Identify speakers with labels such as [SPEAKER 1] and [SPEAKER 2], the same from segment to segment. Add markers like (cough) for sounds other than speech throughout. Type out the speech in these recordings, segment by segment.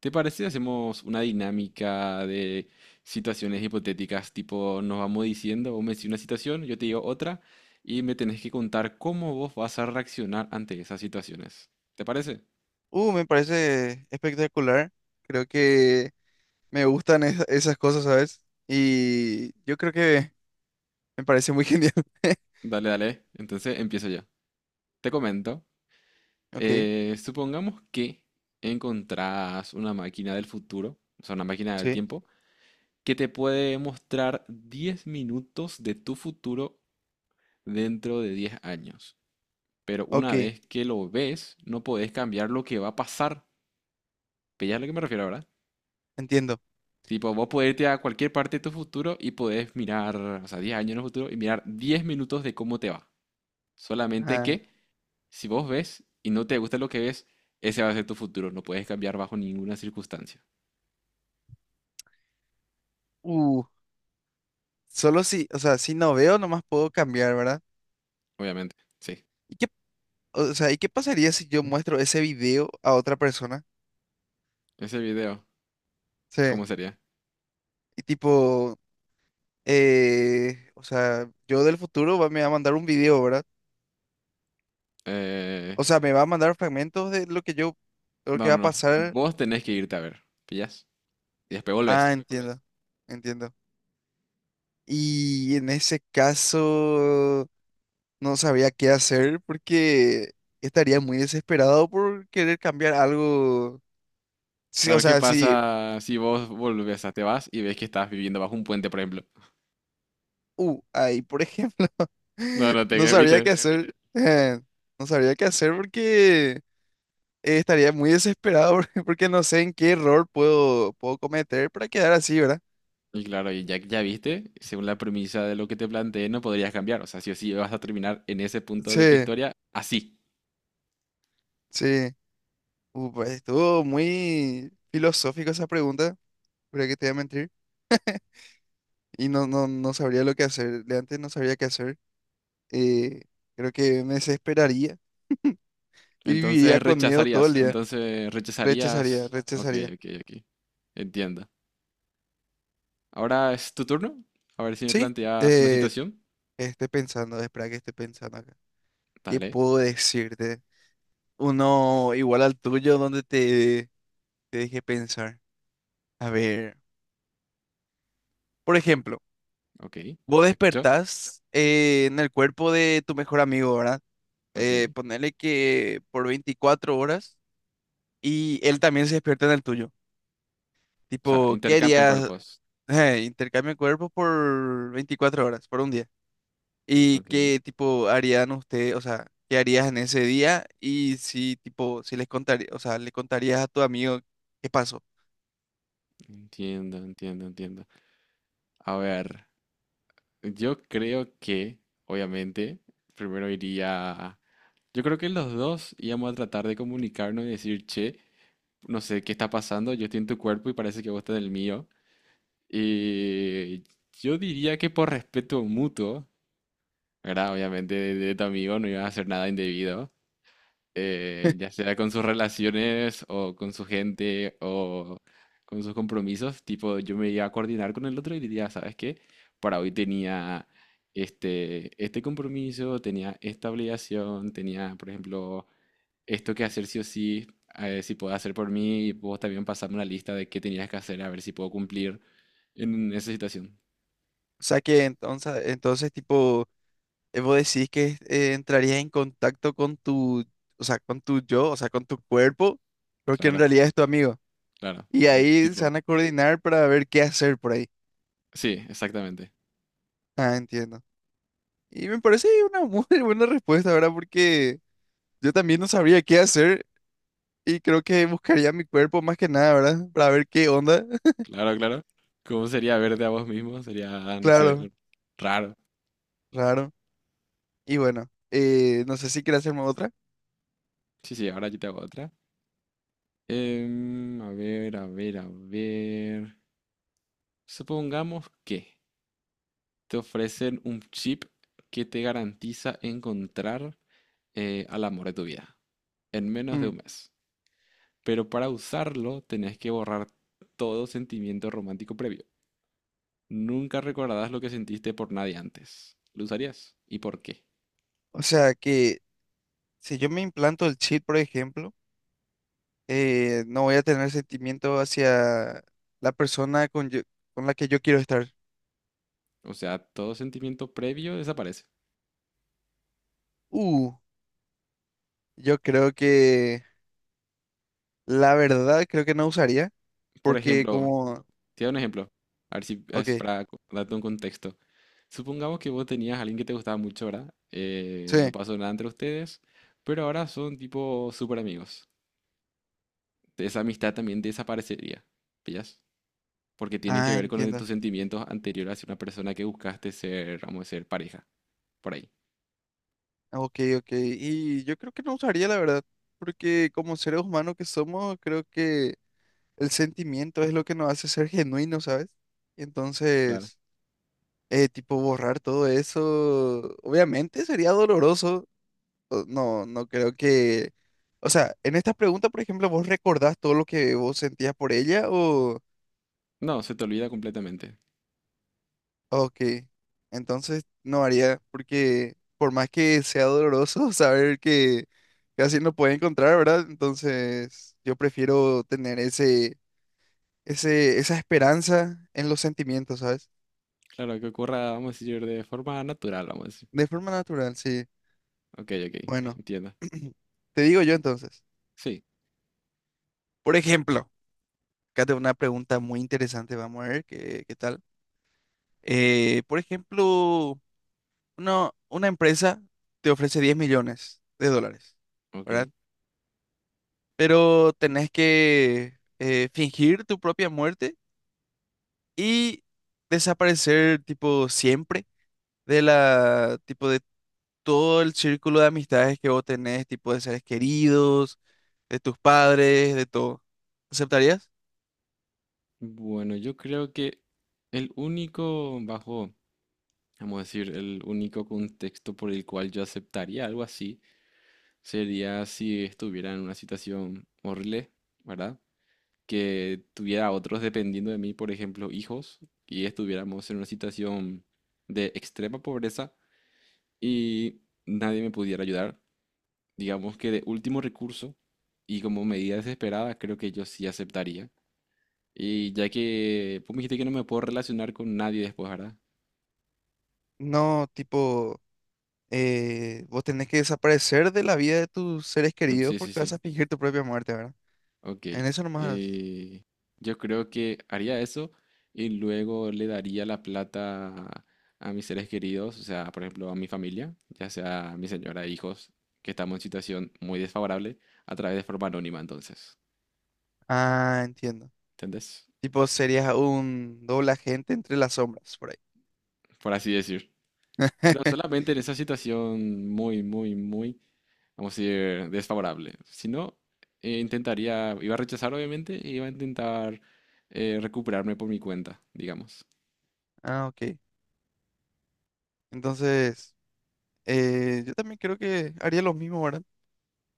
[SPEAKER 1] ¿Te parece? Si Hacemos una dinámica de situaciones hipotéticas, tipo nos vamos diciendo, vos me decís una situación, yo te digo otra, y me tenés que contar cómo vos vas a reaccionar ante esas situaciones. ¿Te parece?
[SPEAKER 2] Me parece espectacular. Creo que me gustan esas cosas, ¿sabes? Y yo creo que me parece muy (laughs) genial.
[SPEAKER 1] Dale, dale. Entonces empiezo yo. Te comento.
[SPEAKER 2] Ok,
[SPEAKER 1] Supongamos que encontrás una máquina del futuro, o sea, una máquina del
[SPEAKER 2] sí,
[SPEAKER 1] tiempo, que te puede mostrar 10 minutos de tu futuro dentro de 10 años. Pero una
[SPEAKER 2] ok,
[SPEAKER 1] vez que lo ves, no podés cambiar lo que va a pasar. ¿Pillas a lo que me refiero, verdad?
[SPEAKER 2] entiendo.
[SPEAKER 1] Tipo, vos podés irte a cualquier parte de tu futuro y podés mirar, o sea, 10 años en el futuro y mirar 10 minutos de cómo te va. Solamente
[SPEAKER 2] Ah,
[SPEAKER 1] que si vos ves y no te gusta lo que ves, ese va a ser tu futuro. No puedes cambiar bajo ninguna circunstancia.
[SPEAKER 2] uh, solo si, o sea, si no veo, nomás puedo cambiar, ¿verdad?
[SPEAKER 1] Obviamente, sí.
[SPEAKER 2] ¿Y qué, o sea, y qué pasaría si yo muestro ese video a otra persona?
[SPEAKER 1] Ese video,
[SPEAKER 2] Sí,
[SPEAKER 1] ¿cómo sería?
[SPEAKER 2] y tipo, o sea, yo del futuro me va a mandar un video, ¿verdad?
[SPEAKER 1] Eh,
[SPEAKER 2] O sea, me va a mandar fragmentos de lo que
[SPEAKER 1] no,
[SPEAKER 2] va
[SPEAKER 1] no,
[SPEAKER 2] a
[SPEAKER 1] no.
[SPEAKER 2] pasar.
[SPEAKER 1] Vos tenés que irte a ver. ¿Pillas? Y después
[SPEAKER 2] Ah,
[SPEAKER 1] volvés.
[SPEAKER 2] entiendo, entiendo. Y en ese caso no sabía qué hacer porque estaría muy desesperado por querer cambiar algo. Sí,
[SPEAKER 1] A
[SPEAKER 2] o
[SPEAKER 1] ver qué
[SPEAKER 2] sea, sí,
[SPEAKER 1] pasa si vos volvés, o sea, te vas y ves que estás viviendo bajo un puente, por ejemplo.
[SPEAKER 2] ahí, por ejemplo,
[SPEAKER 1] No,
[SPEAKER 2] (laughs)
[SPEAKER 1] no
[SPEAKER 2] no
[SPEAKER 1] te
[SPEAKER 2] sabría
[SPEAKER 1] ¿viste?
[SPEAKER 2] qué, sí, hacer. No sabría qué hacer porque estaría muy desesperado (laughs) porque no sé en qué error puedo cometer para quedar así, ¿verdad?
[SPEAKER 1] Y claro, y ya, ya viste, según la premisa de lo que te planteé, no podrías cambiar. O sea, sí o sí vas a terminar en ese punto
[SPEAKER 2] Sí,
[SPEAKER 1] de tu historia así.
[SPEAKER 2] sí. Pues estuvo muy filosófico esa pregunta, pero que te voy a mentir. Y no, no, no sabría lo que hacer. De antes no sabría qué hacer. eh, Creo que me desesperaría y
[SPEAKER 1] Entonces
[SPEAKER 2] viviría con miedo todo
[SPEAKER 1] rechazarías,
[SPEAKER 2] el día.
[SPEAKER 1] entonces
[SPEAKER 2] Rechazaría,
[SPEAKER 1] rechazarías. Ok,
[SPEAKER 2] rechazaría.
[SPEAKER 1] ok, ok. Entiendo. Ahora es tu turno. A ver si me
[SPEAKER 2] Sí,
[SPEAKER 1] planteas una
[SPEAKER 2] eh,
[SPEAKER 1] situación.
[SPEAKER 2] estoy pensando, espera que esté pensando acá. ¿Qué
[SPEAKER 1] Dale,
[SPEAKER 2] puedo decirte? Uno igual al tuyo donde te deje pensar. A ver, por ejemplo,
[SPEAKER 1] ok.
[SPEAKER 2] vos
[SPEAKER 1] ¿Te escucho?
[SPEAKER 2] despertás en el cuerpo de tu mejor amigo, ¿verdad?
[SPEAKER 1] Ok.
[SPEAKER 2] Ponerle que por 24 horas y él también se despierta en el tuyo.
[SPEAKER 1] O sea,
[SPEAKER 2] Tipo, ¿qué
[SPEAKER 1] intercambian
[SPEAKER 2] harías?
[SPEAKER 1] cuerpos.
[SPEAKER 2] Intercambio de cuerpos por 24 horas, por un día. ¿Y
[SPEAKER 1] Ok.
[SPEAKER 2] qué tipo harían ustedes? O sea, ¿qué harías en ese día? Y si, tipo, si les contaría, o sea, le contarías a tu amigo qué pasó.
[SPEAKER 1] Entiendo, entiendo, entiendo. A ver. Yo creo que, obviamente, primero iría. Yo creo que los dos íbamos a tratar de comunicarnos y decir, che, no sé qué está pasando, yo estoy en tu cuerpo y parece que vos estás en el mío. Y yo diría que por respeto mutuo, ¿verdad? Obviamente de tu amigo no iba a hacer nada indebido ya sea con sus relaciones o con su gente o con sus compromisos, tipo, yo me iba a coordinar con el otro y diría, ¿sabes qué? Para hoy tenía este compromiso, tenía esta obligación, tenía, por ejemplo, esto que hacer sí o sí, si puedo hacer por mí, y vos también pasarme una lista de qué tenías que hacer, a ver si puedo cumplir en esa situación.
[SPEAKER 2] O sea, que entonces, tipo, vos decís que entrarías en contacto con tu, o sea, con tu yo, o sea, con tu cuerpo, pero que en
[SPEAKER 1] Claro,
[SPEAKER 2] realidad es tu amigo.
[SPEAKER 1] claro.
[SPEAKER 2] Y
[SPEAKER 1] eh,
[SPEAKER 2] ahí se
[SPEAKER 1] Tipo,
[SPEAKER 2] van a coordinar para ver qué hacer por ahí.
[SPEAKER 1] sí, exactamente.
[SPEAKER 2] Ah, entiendo. Y me parece una muy (laughs) buena respuesta, ¿verdad? Porque yo también no sabría qué hacer y creo que buscaría mi cuerpo más que nada, ¿verdad? (laughs) Para ver qué onda. (laughs)
[SPEAKER 1] Claro, claro. ¿Cómo sería verte a vos mismo? Sería, no sé,
[SPEAKER 2] Claro,
[SPEAKER 1] raro.
[SPEAKER 2] claro. Y bueno, no sé si quieres hacerme otra.
[SPEAKER 1] Sí, sí, ahora yo te hago otra. A ver, a ver, a ver. Supongamos que te ofrecen un chip que te garantiza encontrar al amor de tu vida en menos de
[SPEAKER 2] Mm.
[SPEAKER 1] un mes. Pero para usarlo tenés que borrar todo sentimiento romántico previo. Nunca recordarás lo que sentiste por nadie antes. ¿Lo usarías? ¿Y por qué?
[SPEAKER 2] O sea que si yo me implanto el chip, por ejemplo, no voy a tener sentimiento hacia la persona con, con la que yo quiero estar.
[SPEAKER 1] O sea, todo sentimiento previo desaparece.
[SPEAKER 2] Uh, yo creo que la verdad creo que no usaría
[SPEAKER 1] Por
[SPEAKER 2] porque
[SPEAKER 1] ejemplo,
[SPEAKER 2] como...
[SPEAKER 1] te doy un ejemplo, a ver si
[SPEAKER 2] Ok,
[SPEAKER 1] para darte un contexto. Supongamos que vos tenías a alguien que te gustaba mucho, ¿verdad? No
[SPEAKER 2] sí.
[SPEAKER 1] pasó nada entre ustedes, pero ahora son tipo súper amigos. Esa amistad también desaparecería, ¿pillas? Porque tiene que
[SPEAKER 2] Ah,
[SPEAKER 1] ver con
[SPEAKER 2] entiendo.
[SPEAKER 1] tus sentimientos anteriores hacia una persona que buscaste ser, vamos a decir, pareja, por ahí.
[SPEAKER 2] Ok, ok. Y yo creo que no usaría, la verdad, porque como seres humanos que somos, creo que el sentimiento es lo que nos hace ser genuinos, ¿sabes?
[SPEAKER 1] Claro.
[SPEAKER 2] Entonces, tipo, borrar todo eso, obviamente sería doloroso. No, no creo que... O sea, en esta pregunta, por ejemplo, ¿vos recordás todo lo que vos sentías por ella o...?
[SPEAKER 1] No, se te olvida completamente.
[SPEAKER 2] Ok, entonces no haría, porque por más que sea doloroso (laughs) saber que casi no puede encontrar, ¿verdad? Entonces yo prefiero tener esa esperanza en los sentimientos, ¿sabes?
[SPEAKER 1] Claro, que ocurra, vamos a decir, de forma natural, vamos a decir.
[SPEAKER 2] De forma natural, sí.
[SPEAKER 1] Ok, ok,
[SPEAKER 2] Bueno,
[SPEAKER 1] entiendo.
[SPEAKER 2] (clears throat) te digo yo entonces.
[SPEAKER 1] Sí,
[SPEAKER 2] Por ejemplo, acá tengo una pregunta muy interesante, vamos a ver qué, tal. Por ejemplo, una empresa te ofrece $10 millones,
[SPEAKER 1] ok.
[SPEAKER 2] ¿verdad? Pero tenés que fingir tu propia muerte y desaparecer tipo siempre de la, tipo de todo el círculo de amistades que vos tenés, tipo de seres queridos, de tus padres, de todo. ¿Aceptarías?
[SPEAKER 1] Bueno, yo creo que el único, bajo, vamos a decir, el único contexto por el cual yo aceptaría algo así sería si estuviera en una situación horrible, ¿verdad? Que tuviera otros dependiendo de mí, por ejemplo, hijos, y estuviéramos en una situación de extrema pobreza y nadie me pudiera ayudar, digamos que de último recurso y como medida desesperada, creo que yo sí aceptaría. Y ya que vos me dijiste que no me puedo relacionar con nadie después, ¿verdad?
[SPEAKER 2] No, tipo, vos tenés que desaparecer de la vida de tus seres queridos
[SPEAKER 1] Sí, sí,
[SPEAKER 2] porque vas
[SPEAKER 1] sí.
[SPEAKER 2] a fingir tu propia muerte, ¿verdad?
[SPEAKER 1] Ok.
[SPEAKER 2] En eso nomás.
[SPEAKER 1] eh, yo creo que haría eso y luego le daría la plata a mis seres queridos, o sea, por ejemplo, a mi familia, ya sea a mi señora, hijos, que estamos en situación muy desfavorable, a través de forma anónima, entonces.
[SPEAKER 2] Ah, entiendo.
[SPEAKER 1] ¿Entendés?
[SPEAKER 2] Tipo, serías un doble agente entre las sombras, por ahí.
[SPEAKER 1] Por así decir. Pero
[SPEAKER 2] (laughs)
[SPEAKER 1] solamente en esa situación muy, muy, muy vamos a decir, desfavorable. Si no, intentaría, iba a rechazar obviamente, y iba a intentar recuperarme por mi cuenta, digamos.
[SPEAKER 2] Ah, ok. Entonces, yo también creo que haría lo mismo, ¿verdad?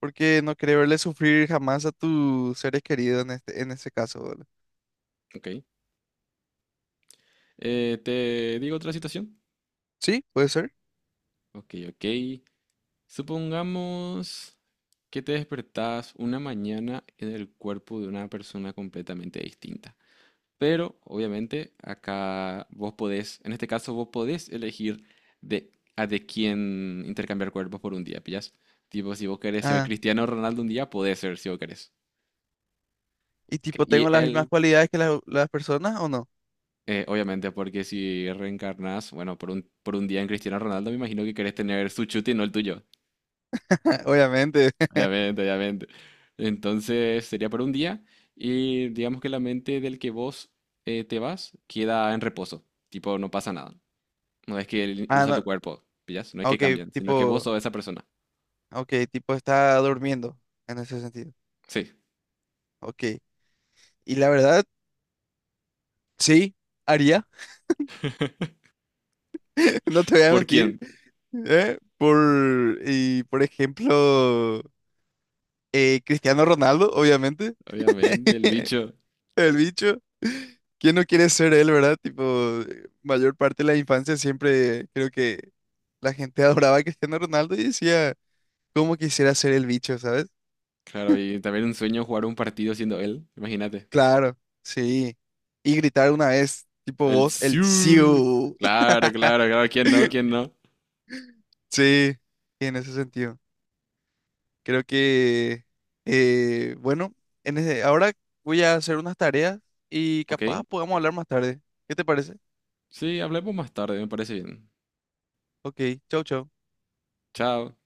[SPEAKER 2] Porque no quería verle sufrir jamás a tus seres queridos en ese caso, ¿verdad?
[SPEAKER 1] Ok. ¿Te digo otra situación?
[SPEAKER 2] Sí, puede ser.
[SPEAKER 1] Ok, ok. Supongamos que te despertás una mañana en el cuerpo de una persona completamente distinta. Pero obviamente acá vos podés, en este caso vos podés elegir de, a de quién intercambiar cuerpos por un día, ¿pillas? Tipo, si vos querés ser
[SPEAKER 2] Ah,
[SPEAKER 1] Cristiano Ronaldo un día, podés ser si vos querés.
[SPEAKER 2] y
[SPEAKER 1] Ok.
[SPEAKER 2] tipo,
[SPEAKER 1] Y
[SPEAKER 2] ¿tengo las mismas
[SPEAKER 1] él,
[SPEAKER 2] cualidades que las personas o no?
[SPEAKER 1] obviamente, porque si reencarnás, bueno, por un día en Cristiano Ronaldo, me imagino que querés tener su chute y no el tuyo.
[SPEAKER 2] (laughs) Obviamente. (laughs)
[SPEAKER 1] Obviamente, obviamente. Entonces sería por un día y digamos que la mente del que vos te vas queda en reposo. Tipo, no pasa nada. No es que él
[SPEAKER 2] Ah,
[SPEAKER 1] usa
[SPEAKER 2] no.
[SPEAKER 1] tu cuerpo, ¿pillas? No es que
[SPEAKER 2] Ok,
[SPEAKER 1] cambian, sino que vos
[SPEAKER 2] tipo,
[SPEAKER 1] sos esa persona.
[SPEAKER 2] ok, tipo está durmiendo en ese sentido.
[SPEAKER 1] Sí.
[SPEAKER 2] Ok. Y la verdad, sí, haría. (laughs) No te voy a
[SPEAKER 1] ¿Por
[SPEAKER 2] mentir.
[SPEAKER 1] quién?
[SPEAKER 2] ¿Eh? Y por ejemplo. Cristiano Ronaldo, obviamente.
[SPEAKER 1] Obviamente, el
[SPEAKER 2] (laughs)
[SPEAKER 1] bicho.
[SPEAKER 2] El bicho. ¿Quién no quiere ser él, verdad? Tipo, mayor parte de la infancia siempre creo que la gente (laughs) adoraba a Cristiano Ronaldo y decía, ¿cómo quisiera ser el bicho, sabes?
[SPEAKER 1] Claro, y también un sueño jugar un partido siendo él, imagínate.
[SPEAKER 2] Claro, sí. Y gritar una vez, tipo
[SPEAKER 1] El
[SPEAKER 2] vos, el
[SPEAKER 1] Siu.
[SPEAKER 2] Siu.
[SPEAKER 1] Claro, claro, claro, ¿quién no? ¿Quién no?
[SPEAKER 2] (laughs) Sí, en ese sentido. Creo que, bueno, ahora voy a hacer unas tareas y
[SPEAKER 1] Ok.
[SPEAKER 2] capaz podamos hablar más tarde. ¿Qué te parece?
[SPEAKER 1] Sí, hablemos más tarde, me parece bien.
[SPEAKER 2] Ok, chau, chau.
[SPEAKER 1] Chao.